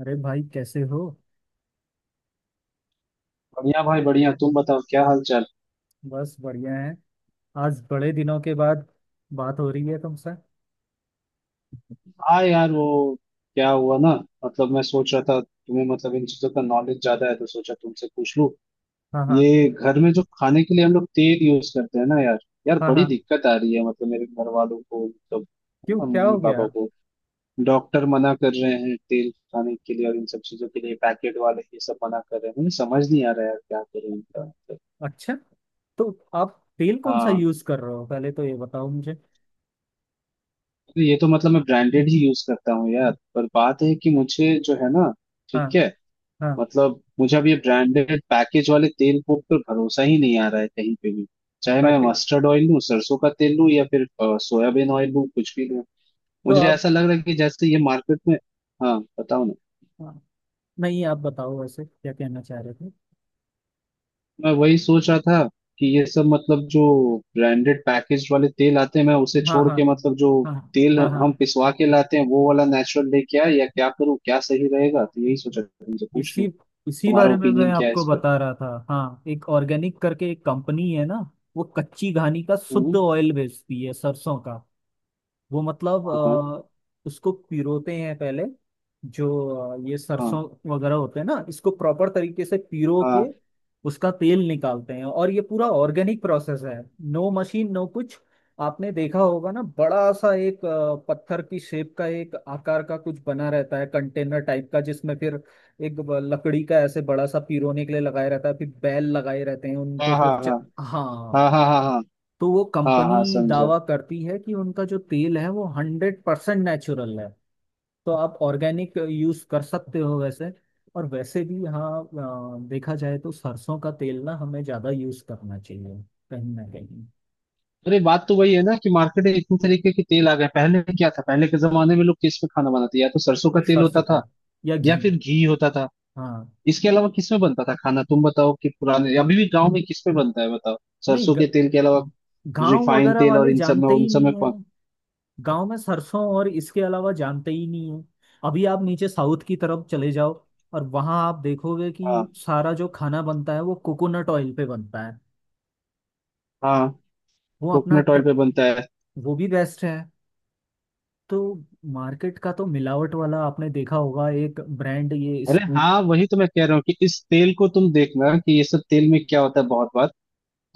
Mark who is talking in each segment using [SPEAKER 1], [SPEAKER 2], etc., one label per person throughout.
[SPEAKER 1] अरे भाई, कैसे हो।
[SPEAKER 2] बढ़िया भाई बढ़िया। तुम बताओ क्या हाल चाल।
[SPEAKER 1] बस बढ़िया है। आज बड़े दिनों के बाद बात हो रही है तुमसे।
[SPEAKER 2] हाँ यार वो क्या हुआ ना। मतलब मैं सोच रहा था तुम्हें मतलब इन चीजों का नॉलेज ज्यादा है तो सोचा तुमसे पूछ लूं।
[SPEAKER 1] हाँ हाँ।
[SPEAKER 2] ये घर में जो खाने के लिए हम लोग तेल यूज करते हैं ना यार। यार
[SPEAKER 1] हाँ
[SPEAKER 2] बड़ी
[SPEAKER 1] हाँ।
[SPEAKER 2] दिक्कत आ रही है मतलब मेरे घर वालों को मतलब। है
[SPEAKER 1] क्यों,
[SPEAKER 2] ना,
[SPEAKER 1] क्या
[SPEAKER 2] मम्मी
[SPEAKER 1] हो गया।
[SPEAKER 2] पापा को। डॉक्टर मना कर रहे हैं तेल खाने के लिए, और इन सब चीजों के लिए पैकेट वाले ये सब मना कर रहे हैं। मुझे समझ नहीं आ रहा यार क्या करें इनका मतलब।
[SPEAKER 1] अच्छा, तो आप तेल कौन सा
[SPEAKER 2] हाँ।
[SPEAKER 1] यूज कर रहे हो, पहले तो ये बताओ मुझे।
[SPEAKER 2] तो ये तो मतलब मैं ब्रांडेड ही यूज करता हूँ यार, पर बात है कि मुझे जो है ना।
[SPEAKER 1] हाँ
[SPEAKER 2] ठीक है।
[SPEAKER 1] हाँ।
[SPEAKER 2] मतलब मुझे अब ये ब्रांडेड पैकेज वाले तेल को पर भरोसा ही नहीं आ रहा है कहीं पे भी। चाहे मैं
[SPEAKER 1] पैकेट।
[SPEAKER 2] मस्टर्ड ऑयल लूं, सरसों का तेल लूं, या फिर सोयाबीन ऑयल लूं, कुछ भी लूं।
[SPEAKER 1] तो
[SPEAKER 2] मुझे
[SPEAKER 1] आप।
[SPEAKER 2] ऐसा लग रहा है कि जैसे ये मार्केट में। हाँ, बताओ ना।
[SPEAKER 1] हाँ, नहीं आप बताओ वैसे क्या कहना चाह रहे थे।
[SPEAKER 2] मैं वही सोच रहा था कि ये सब मतलब जो ब्रांडेड पैकेज वाले तेल आते हैं, मैं उसे
[SPEAKER 1] हाँ
[SPEAKER 2] छोड़
[SPEAKER 1] हाँ।
[SPEAKER 2] के मतलब जो
[SPEAKER 1] हाँ
[SPEAKER 2] तेल
[SPEAKER 1] हाँ
[SPEAKER 2] हम
[SPEAKER 1] हाँ।
[SPEAKER 2] पिसवा के लाते हैं वो वाला नेचुरल लेके आए, या क्या करूँ, क्या सही रहेगा, तो यही सोचा था, तुमसे पूछ लूं।
[SPEAKER 1] इसी इसी
[SPEAKER 2] तुम्हारा
[SPEAKER 1] बारे में मैं
[SPEAKER 2] ओपिनियन क्या है इस
[SPEAKER 1] आपको
[SPEAKER 2] पर।
[SPEAKER 1] बता रहा था। हाँ, एक ऑर्गेनिक करके एक कंपनी है ना, वो कच्ची घानी का शुद्ध
[SPEAKER 2] हम्म।
[SPEAKER 1] ऑयल बेचती है सरसों का। वो मतलब
[SPEAKER 2] हाँ, हाँ,
[SPEAKER 1] उसको पिरोते हैं पहले। जो ये
[SPEAKER 2] हाँ,
[SPEAKER 1] सरसों वगैरह होते हैं ना, इसको प्रॉपर तरीके से पिरो के
[SPEAKER 2] हाँ,
[SPEAKER 1] उसका तेल निकालते हैं, और ये पूरा ऑर्गेनिक प्रोसेस है। नो मशीन, नो कुछ। आपने देखा होगा ना, बड़ा सा एक पत्थर की शेप का एक आकार का कुछ बना रहता है, कंटेनर टाइप का, जिसमें फिर एक लकड़ी का ऐसे बड़ा सा पिरोने के लिए लगाया रहता है, फिर बैल लगाए रहते हैं उनको,
[SPEAKER 2] हाँ,
[SPEAKER 1] फिर
[SPEAKER 2] हाँ, हाँ,
[SPEAKER 1] हाँ।
[SPEAKER 2] हाँ, हाँ, हाँ, हाँ,
[SPEAKER 1] तो वो
[SPEAKER 2] हाँ, हाँ,
[SPEAKER 1] कंपनी
[SPEAKER 2] समझा।
[SPEAKER 1] दावा करती है कि उनका जो तेल है वो 100% नेचुरल है। तो आप ऑर्गेनिक यूज कर सकते हो वैसे। और वैसे भी हाँ, देखा जाए तो सरसों का तेल ना हमें ज्यादा यूज करना चाहिए कहीं ना कहीं।
[SPEAKER 2] अरे बात तो वही है ना कि मार्केट में इतने तरीके के तेल आ गए। पहले क्या था, पहले के जमाने में लोग किस में खाना बनाते? या तो सरसों का तेल
[SPEAKER 1] सरसों
[SPEAKER 2] होता
[SPEAKER 1] पे
[SPEAKER 2] था
[SPEAKER 1] या
[SPEAKER 2] या
[SPEAKER 1] घी।
[SPEAKER 2] फिर घी होता था।
[SPEAKER 1] हाँ।
[SPEAKER 2] इसके अलावा किस में बनता था खाना? तुम बताओ कि पुराने, अभी भी गांव में किस में बनता है, बताओ,
[SPEAKER 1] नहीं
[SPEAKER 2] सरसों
[SPEAKER 1] ग-
[SPEAKER 2] के तेल के अलावा।
[SPEAKER 1] गांव
[SPEAKER 2] रिफाइंड
[SPEAKER 1] वगैरह
[SPEAKER 2] तेल और
[SPEAKER 1] वाले
[SPEAKER 2] इन सब में,
[SPEAKER 1] जानते
[SPEAKER 2] उन
[SPEAKER 1] ही
[SPEAKER 2] सब में
[SPEAKER 1] नहीं है।
[SPEAKER 2] कौन।
[SPEAKER 1] गांव में सरसों, और इसके अलावा जानते ही नहीं है। अभी आप नीचे साउथ की तरफ चले जाओ, और वहां आप देखोगे कि
[SPEAKER 2] हाँ,
[SPEAKER 1] सारा जो खाना बनता है वो कोकोनट ऑयल पे बनता है।
[SPEAKER 2] हाँ।
[SPEAKER 1] वो अपना
[SPEAKER 2] कोकोनट
[SPEAKER 1] ट्र...
[SPEAKER 2] ऑयल पे बनता है।
[SPEAKER 1] वो भी बेस्ट है। तो मार्केट का तो मिलावट वाला आपने देखा होगा, एक ब्रांड ये
[SPEAKER 2] अरे
[SPEAKER 1] स्पूट।
[SPEAKER 2] हाँ, वही तो मैं कह रहा हूँ कि इस तेल को तुम देखना कि ये सब तेल में क्या होता है बहुत बार।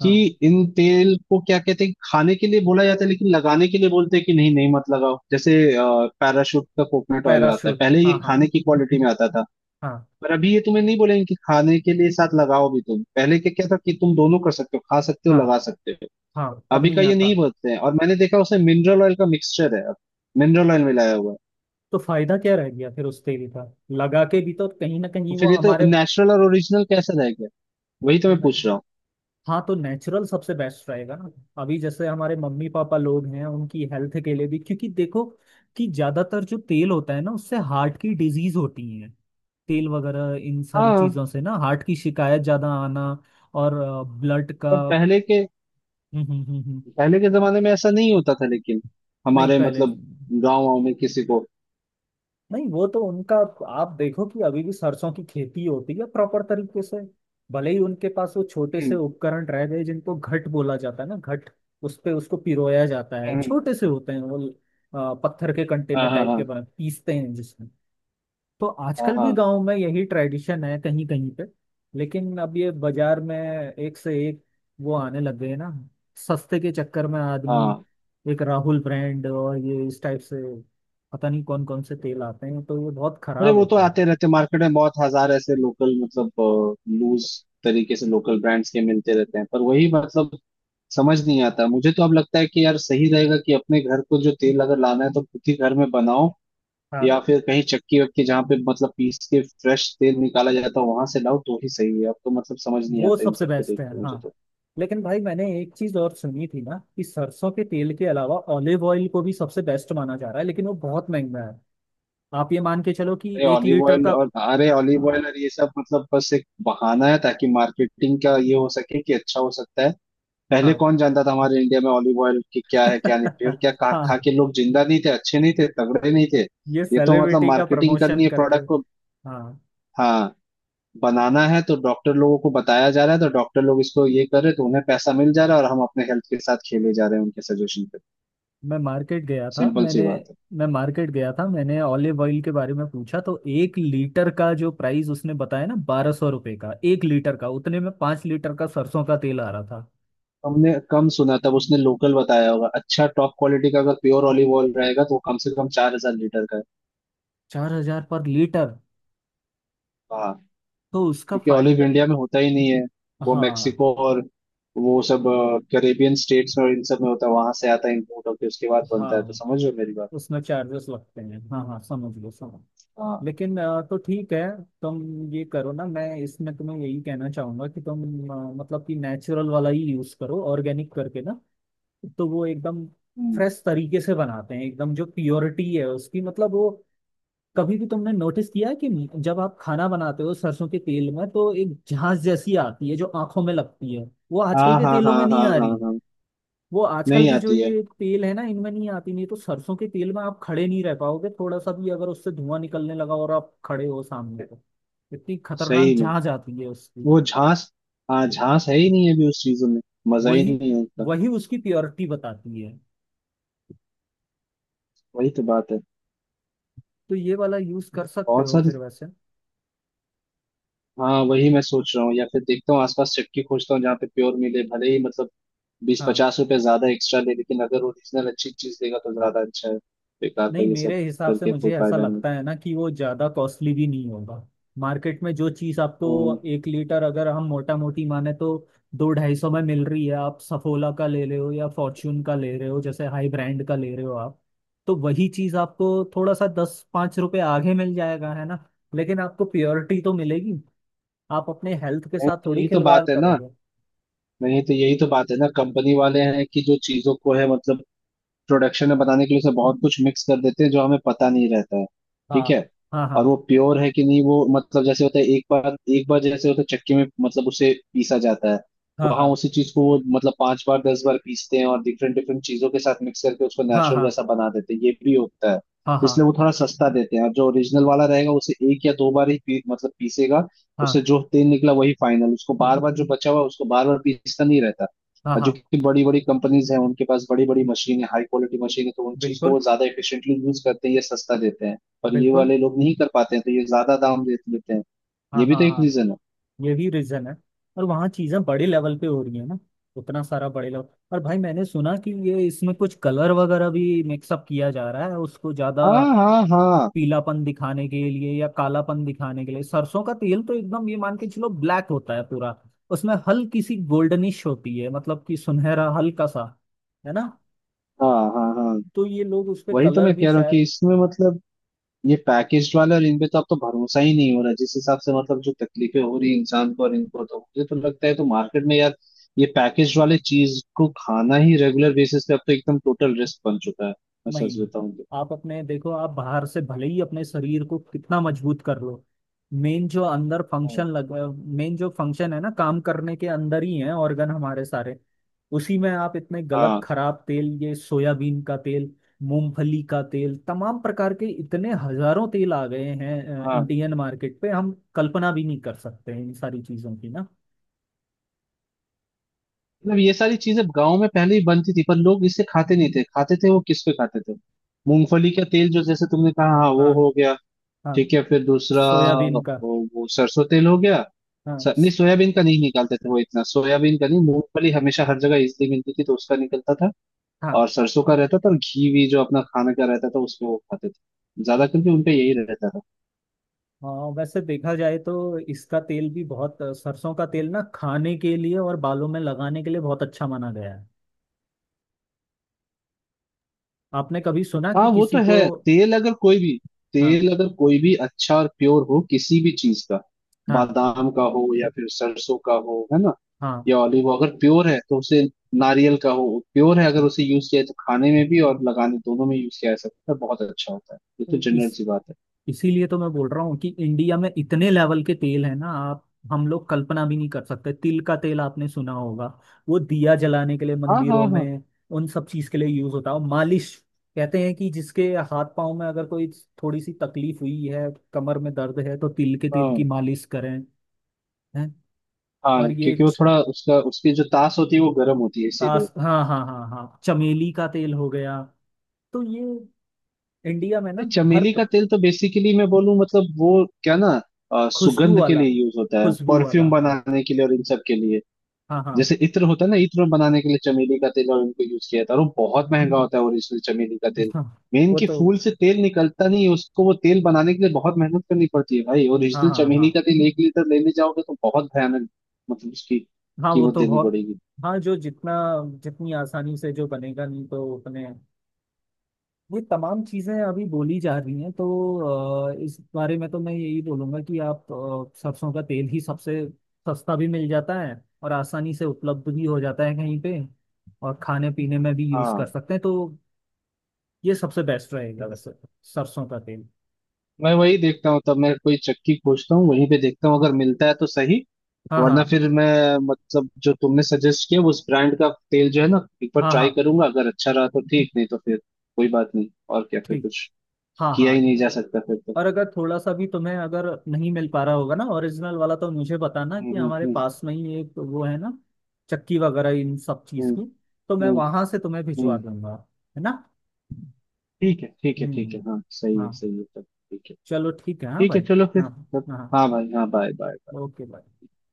[SPEAKER 2] कि इन तेल को क्या कहते हैं, खाने के लिए बोला जाता है लेकिन लगाने के लिए बोलते हैं कि नहीं नहीं मत लगाओ, जैसे पैराशूट का कोकोनट ऑयल आता है,
[SPEAKER 1] पैराशूट।
[SPEAKER 2] पहले ये
[SPEAKER 1] हाँ हाँ।
[SPEAKER 2] खाने की क्वालिटी में आता था।
[SPEAKER 1] हाँ
[SPEAKER 2] पर अभी ये तुम्हें नहीं बोलेंगे कि खाने के लिए साथ लगाओ भी तुम, पहले क्या क्या था कि तुम दोनों कर सकते हो, खा सकते हो
[SPEAKER 1] हाँ।
[SPEAKER 2] लगा सकते हो।
[SPEAKER 1] हाँ, अब
[SPEAKER 2] अभी का
[SPEAKER 1] नहीं
[SPEAKER 2] ये
[SPEAKER 1] आता।
[SPEAKER 2] नहीं बोलते हैं, और मैंने देखा उसमें मिनरल ऑयल का मिक्सचर है अब। मिनरल ऑयल मिलाया हुआ है।
[SPEAKER 1] तो फायदा क्या रह गया फिर उस तेल का। लगा के भी तो कहीं ना
[SPEAKER 2] तो
[SPEAKER 1] कहीं वो
[SPEAKER 2] फिर ये तो
[SPEAKER 1] हमारे।
[SPEAKER 2] नेचुरल और ओरिजिनल कैसे रह गया? वही तो मैं पूछ रहा हूँ।
[SPEAKER 1] हाँ, तो नेचुरल सबसे बेस्ट रहेगा ना। अभी जैसे हमारे मम्मी पापा लोग हैं, उनकी हेल्थ के लिए भी, क्योंकि देखो कि ज्यादातर जो तेल होता है ना, उससे हार्ट की डिजीज होती है। तेल वगैरह इन सारी
[SPEAKER 2] हाँ।
[SPEAKER 1] चीजों से ना हार्ट की शिकायत ज्यादा आना। और ब्लड का।
[SPEAKER 2] पर
[SPEAKER 1] हम्म। हम्म हम्म हम्म।
[SPEAKER 2] पहले के जमाने में ऐसा नहीं होता था, लेकिन
[SPEAKER 1] नहीं
[SPEAKER 2] हमारे
[SPEAKER 1] पहले।
[SPEAKER 2] मतलब गाँव वाँव में किसी को।
[SPEAKER 1] नहीं, वो तो उनका। आप देखो कि अभी भी सरसों की खेती होती है प्रॉपर तरीके से। भले ही उनके पास वो छोटे से
[SPEAKER 2] हम्म,
[SPEAKER 1] उपकरण रह गए जिनको घट बोला जाता है ना, घट। उस पे उसको पिरोया जाता है।
[SPEAKER 2] हम्म,
[SPEAKER 1] छोटे से होते हैं वो पत्थर के कंटेनर
[SPEAKER 2] हाँ, हाँ,
[SPEAKER 1] टाइप के
[SPEAKER 2] हाँ,
[SPEAKER 1] बने, पीसते हैं जिसमें। तो आजकल
[SPEAKER 2] हाँ,
[SPEAKER 1] भी गांव में यही ट्रेडिशन है कहीं कहीं पे। लेकिन अब ये बाजार में एक से एक वो आने लग गए ना, सस्ते के चक्कर में
[SPEAKER 2] हाँ,
[SPEAKER 1] आदमी।
[SPEAKER 2] हाँ।
[SPEAKER 1] एक राहुल ब्रांड और ये इस टाइप से, पता नहीं कौन कौन से तेल आते हैं, तो ये बहुत
[SPEAKER 2] अरे
[SPEAKER 1] खराब
[SPEAKER 2] वो तो
[SPEAKER 1] होता है।
[SPEAKER 2] आते रहते मार्केट में, बहुत हजार ऐसे लोकल, मतलब लूज तरीके से लोकल ब्रांड्स के मिलते रहते हैं, पर वही मतलब समझ नहीं आता, मुझे तो अब लगता है कि यार सही रहेगा कि अपने घर को जो तेल अगर लाना है तो खुद ही घर में बनाओ।
[SPEAKER 1] हाँ,
[SPEAKER 2] या फिर कहीं चक्की वक्की जहाँ पे मतलब पीस के फ्रेश तेल निकाला जाता है वहां से लाओ तो ही सही है। अब तो मतलब समझ नहीं
[SPEAKER 1] वो
[SPEAKER 2] आता इन
[SPEAKER 1] सबसे
[SPEAKER 2] सबको
[SPEAKER 1] बेस्ट
[SPEAKER 2] देख
[SPEAKER 1] है।
[SPEAKER 2] के मुझे
[SPEAKER 1] हाँ,
[SPEAKER 2] तो।
[SPEAKER 1] लेकिन भाई मैंने एक चीज और सुनी थी ना, कि सरसों के तेल के अलावा ऑलिव ऑयल को भी सबसे बेस्ट माना जा रहा है, लेकिन वो बहुत महंगा है। आप ये मान के चलो कि एक लीटर का।
[SPEAKER 2] अरे ऑलिव ऑयल और ये सब मतलब बस एक बहाना है ताकि मार्केटिंग का ये हो सके कि अच्छा हो सकता है। पहले
[SPEAKER 1] हाँ।
[SPEAKER 2] कौन जानता था हमारे इंडिया में ऑलिव ऑयल की क्या है क्या नहीं, और क्या खा खा
[SPEAKER 1] हाँ,
[SPEAKER 2] के लोग जिंदा नहीं थे, अच्छे नहीं थे, तगड़े नहीं थे?
[SPEAKER 1] ये
[SPEAKER 2] ये तो मतलब
[SPEAKER 1] सेलिब्रिटी का
[SPEAKER 2] मार्केटिंग करनी
[SPEAKER 1] प्रमोशन
[SPEAKER 2] है
[SPEAKER 1] करके।
[SPEAKER 2] प्रोडक्ट को।
[SPEAKER 1] हाँ,
[SPEAKER 2] हाँ। बनाना है तो डॉक्टर लोगों को बताया जा रहा है, तो डॉक्टर लोग इसको ये कर रहे हैं, तो उन्हें पैसा मिल जा रहा है, और हम अपने हेल्थ के साथ खेले जा रहे हैं उनके सजेशन पे।
[SPEAKER 1] मैं मार्केट गया था
[SPEAKER 2] सिंपल सी
[SPEAKER 1] मैंने
[SPEAKER 2] बात है।
[SPEAKER 1] मैं मार्केट गया था, मैंने ऑलिव ऑयल के बारे में पूछा, तो एक लीटर का जो प्राइस उसने बताया ना, ₹1200 का 1 लीटर का, उतने में 5 लीटर का सरसों का तेल आ रहा था।
[SPEAKER 2] हमने कम सुना, तब उसने लोकल बताया होगा। अच्छा, टॉप क्वालिटी का अगर प्योर ऑलिव ऑयल रहेगा तो वो कम से कम 4,000 लीटर का है
[SPEAKER 1] 4000 पर लीटर।
[SPEAKER 2] बाहर।
[SPEAKER 1] तो उसका
[SPEAKER 2] क्योंकि ऑलिव
[SPEAKER 1] फायदा।
[SPEAKER 2] इंडिया में होता ही नहीं है। वो
[SPEAKER 1] हाँ
[SPEAKER 2] मेक्सिको और वो सब कैरेबियन स्टेट्स में और इन सब में होता है, वहां से आता है इम्पोर्ट होकर उसके बाद बनता है, तो
[SPEAKER 1] हाँ,
[SPEAKER 2] समझ रहे हो मेरी बात?
[SPEAKER 1] उसमें चार्जेस लगते हैं। हाँ हाँ, समझ लो, समझ।
[SPEAKER 2] हाँ।
[SPEAKER 1] लेकिन तो ठीक है। तुम ये करो ना, मैं इसमें तुम्हें यही कहना चाहूंगा कि तुम मतलब कि नेचुरल वाला ही यूज करो, ऑर्गेनिक करके ना। तो वो एकदम
[SPEAKER 2] हम्म।
[SPEAKER 1] फ्रेश तरीके से बनाते हैं, एकदम जो प्योरिटी है उसकी, मतलब वो। कभी भी तुमने नोटिस किया है कि जब आप खाना बनाते हो सरसों के तेल में, तो एक झांस जैसी आती है जो आंखों में लगती है। वो आजकल
[SPEAKER 2] हाँ,
[SPEAKER 1] के
[SPEAKER 2] हाँ,
[SPEAKER 1] तेलों
[SPEAKER 2] हाँ,
[SPEAKER 1] में नहीं
[SPEAKER 2] हाँ,
[SPEAKER 1] आ
[SPEAKER 2] हाँ,
[SPEAKER 1] रही।
[SPEAKER 2] हाँ।
[SPEAKER 1] वो आजकल
[SPEAKER 2] नहीं
[SPEAKER 1] की जो
[SPEAKER 2] आती है।
[SPEAKER 1] ये तेल है ना, इनमें नहीं आती, नहीं तो सरसों के तेल में आप खड़े नहीं रह पाओगे। थोड़ा सा भी अगर उससे धुआं निकलने लगा और आप खड़े हो सामने, तो इतनी खतरनाक
[SPEAKER 2] सही में।
[SPEAKER 1] झांझ आती है उसकी।
[SPEAKER 2] वो झांस। हाँ, झांस है ही नहीं अभी उस चीजों में। मजा ही
[SPEAKER 1] वही
[SPEAKER 2] नहीं है उसका।
[SPEAKER 1] वही उसकी प्योरिटी बताती है।
[SPEAKER 2] वही तो बात है।
[SPEAKER 1] तो ये वाला यूज कर सकते
[SPEAKER 2] बहुत
[SPEAKER 1] हो
[SPEAKER 2] सारी।
[SPEAKER 1] फिर वैसे।
[SPEAKER 2] हाँ, वही मैं सोच रहा हूँ, या फिर देखता हूँ आसपास चक्की खोजता हूँ जहाँ पे प्योर मिले, भले ही मतलब बीस
[SPEAKER 1] हाँ,
[SPEAKER 2] पचास रुपए ज्यादा एक्स्ट्रा ले, लेकिन अगर ओरिजिनल अच्छी चीज देगा तो ज्यादा अच्छा है। बेकार का
[SPEAKER 1] नहीं,
[SPEAKER 2] ये
[SPEAKER 1] मेरे
[SPEAKER 2] सब
[SPEAKER 1] हिसाब से
[SPEAKER 2] करके कोई
[SPEAKER 1] मुझे ऐसा
[SPEAKER 2] फायदा नहीं।
[SPEAKER 1] लगता है ना कि वो ज़्यादा कॉस्टली भी नहीं होगा। मार्केट में जो चीज़ आपको,
[SPEAKER 2] हम्म।
[SPEAKER 1] एक लीटर अगर हम मोटा मोटी माने तो दो ढाई सौ में मिल रही है, आप सफोला का ले रहे हो या फॉर्च्यून का ले रहे हो, जैसे हाई ब्रांड का ले रहे हो आप। तो वही चीज़ आपको थोड़ा सा दस पाँच रुपये आगे मिल जाएगा, है ना। लेकिन आपको प्योरिटी तो मिलेगी। आप अपने हेल्थ के
[SPEAKER 2] नहीं
[SPEAKER 1] साथ
[SPEAKER 2] तो
[SPEAKER 1] थोड़ी
[SPEAKER 2] यही तो
[SPEAKER 1] खिलवाड़
[SPEAKER 2] बात है ना
[SPEAKER 1] करोगे।
[SPEAKER 2] नहीं तो यही तो बात है ना, कंपनी वाले हैं कि जो चीजों को है मतलब प्रोडक्शन में बनाने के लिए उसमें बहुत कुछ मिक्स कर देते हैं जो हमें पता नहीं रहता है।
[SPEAKER 1] हाँ
[SPEAKER 2] ठीक है।
[SPEAKER 1] हाँ
[SPEAKER 2] और वो
[SPEAKER 1] हाँ
[SPEAKER 2] प्योर है कि नहीं, वो मतलब जैसे होता है एक बार एक बार, जैसे होता है चक्की में मतलब उसे पीसा जाता है। वहां
[SPEAKER 1] हाँ
[SPEAKER 2] उसी चीज को वो मतलब 5 बार 10 बार पीसते हैं और डिफरेंट डिफरेंट चीजों के साथ मिक्स करके उसको
[SPEAKER 1] हाँ हाँ
[SPEAKER 2] नेचुरल
[SPEAKER 1] हाँ
[SPEAKER 2] जैसा बना देते हैं, ये भी होता है।
[SPEAKER 1] हाँ
[SPEAKER 2] इसलिए
[SPEAKER 1] हाँ
[SPEAKER 2] वो थोड़ा सस्ता देते हैं। और जो ओरिजिनल वाला रहेगा उसे 1 या 2 बार ही पी, मतलब पीसेगा।
[SPEAKER 1] हाँ
[SPEAKER 2] उससे
[SPEAKER 1] हाँ
[SPEAKER 2] जो तेल निकला वही फाइनल, उसको बार बार जो बचा हुआ है, उसको बार बार पीसना नहीं रहता।
[SPEAKER 1] हाँ
[SPEAKER 2] और जो
[SPEAKER 1] हाँ,
[SPEAKER 2] कि बड़ी बड़ी कंपनीज हैं उनके पास बड़ी बड़ी मशीन है, हाई क्वालिटी मशीन है, तो उन चीज को
[SPEAKER 1] बिल्कुल।
[SPEAKER 2] वो ज्यादा एफिशिएंटली यूज करते हैं, ये सस्ता देते हैं। पर ये
[SPEAKER 1] बिल्कुल।
[SPEAKER 2] वाले लोग नहीं कर पाते हैं तो ये ज्यादा दाम दे देते हैं। ये
[SPEAKER 1] हाँ
[SPEAKER 2] भी
[SPEAKER 1] हाँ
[SPEAKER 2] तो एक
[SPEAKER 1] हाँ।
[SPEAKER 2] रीजन है।
[SPEAKER 1] ये भी रीजन है। और वहाँ चीजें बड़े लेवल पे हो रही है ना, उतना सारा बड़े लेवल। और भाई मैंने सुना कि ये इसमें कुछ कलर वगैरह भी मिक्सअप किया जा रहा है, उसको ज्यादा
[SPEAKER 2] हाँ, हाँ, हाँ,
[SPEAKER 1] पीलापन दिखाने के लिए या कालापन दिखाने के लिए। सरसों का तेल तो एकदम ये मान के चलो ब्लैक होता है पूरा, उसमें हल्की सी गोल्डनिश होती है, मतलब कि सुनहरा हल्का सा, है ना।
[SPEAKER 2] हाँ, हाँ, हाँ।
[SPEAKER 1] तो ये लोग उस पे
[SPEAKER 2] वही तो
[SPEAKER 1] कलर
[SPEAKER 2] मैं कह
[SPEAKER 1] भी
[SPEAKER 2] रहा हूँ कि
[SPEAKER 1] शायद।
[SPEAKER 2] इसमें मतलब ये पैकेज वाले और इनपे तो अब तो भरोसा ही नहीं हो रहा, जिस हिसाब से मतलब जो तकलीफें हो रही है इंसान को और इनको, तो मुझे तो लगता है, तो मार्केट में यार ये पैकेज वाले चीज को खाना ही रेगुलर बेसिस पे अब तो एकदम टोटल रिस्क बन चुका है, मैं सच
[SPEAKER 1] नहीं,
[SPEAKER 2] बताऊं तो।
[SPEAKER 1] आप अपने देखो, आप बाहर से भले ही अपने शरीर को कितना मजबूत कर लो, मेन जो अंदर फंक्शन लग मेन जो फंक्शन है ना काम करने के, अंदर ही है ऑर्गन हमारे सारे। उसी में आप इतने गलत
[SPEAKER 2] हाँ,
[SPEAKER 1] खराब तेल, ये सोयाबीन का तेल, मूंगफली का तेल, तमाम प्रकार के इतने हजारों तेल आ गए हैं
[SPEAKER 2] हाँ।
[SPEAKER 1] इंडियन मार्केट पे, हम कल्पना भी नहीं कर सकते हैं इन सारी चीजों की ना।
[SPEAKER 2] मतलब ये सारी चीजें गांव में पहले ही बनती थी पर लोग इसे खाते नहीं थे। खाते थे वो किस पे खाते थे? मूंगफली का तेल, जो जैसे तुमने कहा, हाँ वो
[SPEAKER 1] हाँ
[SPEAKER 2] हो गया।
[SPEAKER 1] हाँ।
[SPEAKER 2] ठीक है, फिर दूसरा।
[SPEAKER 1] सोयाबीन
[SPEAKER 2] वो,
[SPEAKER 1] का।
[SPEAKER 2] वो सरसों तेल हो गया।
[SPEAKER 1] हाँ
[SPEAKER 2] नहीं,
[SPEAKER 1] स-
[SPEAKER 2] सोयाबीन का नहीं निकालते थे वो इतना, सोयाबीन का नहीं, मूंगफली हमेशा हर जगह इजली मिलती थी तो उसका निकलता था। और
[SPEAKER 1] हाँ
[SPEAKER 2] सरसों का रहता था, और घी भी जो अपना खाने का रहता था उसमें वो खाते थे ज्यादा करके, उनपे यही रहता था।
[SPEAKER 1] हाँ। वैसे देखा जाए तो इसका तेल भी बहुत सरसों का तेल ना खाने के लिए और बालों में लगाने के लिए बहुत अच्छा माना गया है। आपने कभी सुना
[SPEAKER 2] हाँ,
[SPEAKER 1] कि
[SPEAKER 2] वो तो
[SPEAKER 1] किसी को।
[SPEAKER 2] है। तेल अगर कोई भी
[SPEAKER 1] हाँ
[SPEAKER 2] तेल अगर कोई भी अच्छा और प्योर हो किसी भी चीज का,
[SPEAKER 1] हाँ
[SPEAKER 2] बादाम का हो या फिर सरसों का हो, है ना?
[SPEAKER 1] हाँ।
[SPEAKER 2] या ऑलिव अगर प्योर है तो उसे, नारियल का हो, प्योर है, अगर उसे यूज किया जाए तो खाने में भी और लगाने दोनों में यूज किया जा सकता है, बहुत अच्छा होता है, ये तो
[SPEAKER 1] इस
[SPEAKER 2] जनरल सी बात है।
[SPEAKER 1] इसीलिए तो मैं बोल रहा हूँ कि इंडिया में इतने लेवल के तेल है ना आप, हम लोग कल्पना भी नहीं कर सकते। तिल का तेल आपने सुना होगा, वो दिया जलाने के लिए
[SPEAKER 2] हाँ, हाँ,
[SPEAKER 1] मंदिरों
[SPEAKER 2] हाँ,
[SPEAKER 1] में उन सब चीज के लिए यूज होता है, और मालिश। कहते हैं कि जिसके हाथ पांव में अगर कोई थोड़ी सी तकलीफ हुई है, कमर में दर्द है, तो तिल के तेल
[SPEAKER 2] हाँ,
[SPEAKER 1] की मालिश करें। हैं।
[SPEAKER 2] हाँ।
[SPEAKER 1] और ये
[SPEAKER 2] क्योंकि वो
[SPEAKER 1] च-
[SPEAKER 2] थोड़ा उसका उसकी जो तास होती है वो गर्म होती है, इसीलिए।
[SPEAKER 1] आस, हाँ हाँ हाँ हाँ। चमेली का तेल हो गया। तो ये इंडिया में ना, हर
[SPEAKER 2] चमेली का
[SPEAKER 1] प-
[SPEAKER 2] तेल तो बेसिकली मैं बोलूँ मतलब वो क्या ना,
[SPEAKER 1] खुशबू
[SPEAKER 2] सुगंध के
[SPEAKER 1] वाला,
[SPEAKER 2] लिए यूज होता है,
[SPEAKER 1] खुशबू वाला
[SPEAKER 2] परफ्यूम
[SPEAKER 1] हाँ।
[SPEAKER 2] बनाने के लिए और इन सब के लिए।
[SPEAKER 1] हाँ हाँ।
[SPEAKER 2] जैसे इत्र होता है ना, इत्र बनाने के लिए चमेली का तेल और इनको यूज किया था, और वो बहुत महंगा होता है ओरिजिनल चमेली का तेल।
[SPEAKER 1] हाँ।
[SPEAKER 2] मेन
[SPEAKER 1] वो
[SPEAKER 2] कि
[SPEAKER 1] तो,
[SPEAKER 2] फूल से तेल निकलता नहीं है, उसको वो तेल बनाने के लिए बहुत मेहनत करनी पड़ती है भाई।
[SPEAKER 1] हाँ
[SPEAKER 2] ओरिजिनल
[SPEAKER 1] हाँ
[SPEAKER 2] चमेली
[SPEAKER 1] हाँ।
[SPEAKER 2] का तेल 1 लीटर लेने जाओगे तो बहुत भयानक मतलब उसकी
[SPEAKER 1] हाँ, वो
[SPEAKER 2] कीमत
[SPEAKER 1] तो
[SPEAKER 2] देनी
[SPEAKER 1] बहुत।
[SPEAKER 2] पड़ेगी।
[SPEAKER 1] हाँ, जो जितना जितनी आसानी से जो बनेगा नहीं तो उतने। ये तमाम चीज़ें अभी बोली जा रही हैं, तो इस बारे में तो मैं यही बोलूँगा कि आप सरसों का तेल ही सबसे, सस्ता भी मिल जाता है और आसानी से उपलब्ध भी हो जाता है कहीं पे, और खाने पीने में भी यूज़ कर
[SPEAKER 2] हाँ।
[SPEAKER 1] सकते हैं। तो ये सबसे बेस्ट रहेगा वैसे तो, सरसों का तेल।
[SPEAKER 2] मैं वही देखता हूँ, तब मैं कोई चक्की खोजता हूँ, वहीं पे देखता हूँ, अगर मिलता है तो सही।
[SPEAKER 1] हाँ हाँ
[SPEAKER 2] वरना फिर मैं मतलब जो तुमने सजेस्ट किया उस ब्रांड का तेल जो है ना, एक बार
[SPEAKER 1] हाँ
[SPEAKER 2] ट्राई
[SPEAKER 1] हाँ।
[SPEAKER 2] करूंगा, अगर अच्छा रहा तो ठीक, नहीं तो फिर कोई बात नहीं। और क्या फिर,
[SPEAKER 1] ठीक।
[SPEAKER 2] कुछ
[SPEAKER 1] हाँ
[SPEAKER 2] किया
[SPEAKER 1] हाँ।
[SPEAKER 2] ही नहीं जा सकता फिर तो।
[SPEAKER 1] और अगर थोड़ा सा भी तुम्हें अगर नहीं मिल पा रहा होगा ना ओरिजिनल वाला, तो मुझे बताना, कि
[SPEAKER 2] हम्म,
[SPEAKER 1] हमारे
[SPEAKER 2] हम्म,
[SPEAKER 1] पास में ही एक वो है ना, चक्की वगैरह इन सब चीज
[SPEAKER 2] हम्म,
[SPEAKER 1] की, तो मैं
[SPEAKER 2] हम्म,
[SPEAKER 1] वहां से तुम्हें
[SPEAKER 2] हम्म।
[SPEAKER 1] भिजवा दूंगा, है ना।
[SPEAKER 2] ठीक है, ठीक है,
[SPEAKER 1] हम्म
[SPEAKER 2] ठीक है। हाँ,
[SPEAKER 1] हम्म,
[SPEAKER 2] सही है,
[SPEAKER 1] हाँ।
[SPEAKER 2] सही है, तब ठीक है।
[SPEAKER 1] चलो ठीक है, हाँ
[SPEAKER 2] ठीक है,
[SPEAKER 1] भाई।
[SPEAKER 2] चलो फिर।
[SPEAKER 1] हाँ
[SPEAKER 2] तब।
[SPEAKER 1] हाँ।
[SPEAKER 2] हाँ भाई, हाँ बाय बाय।
[SPEAKER 1] ओके।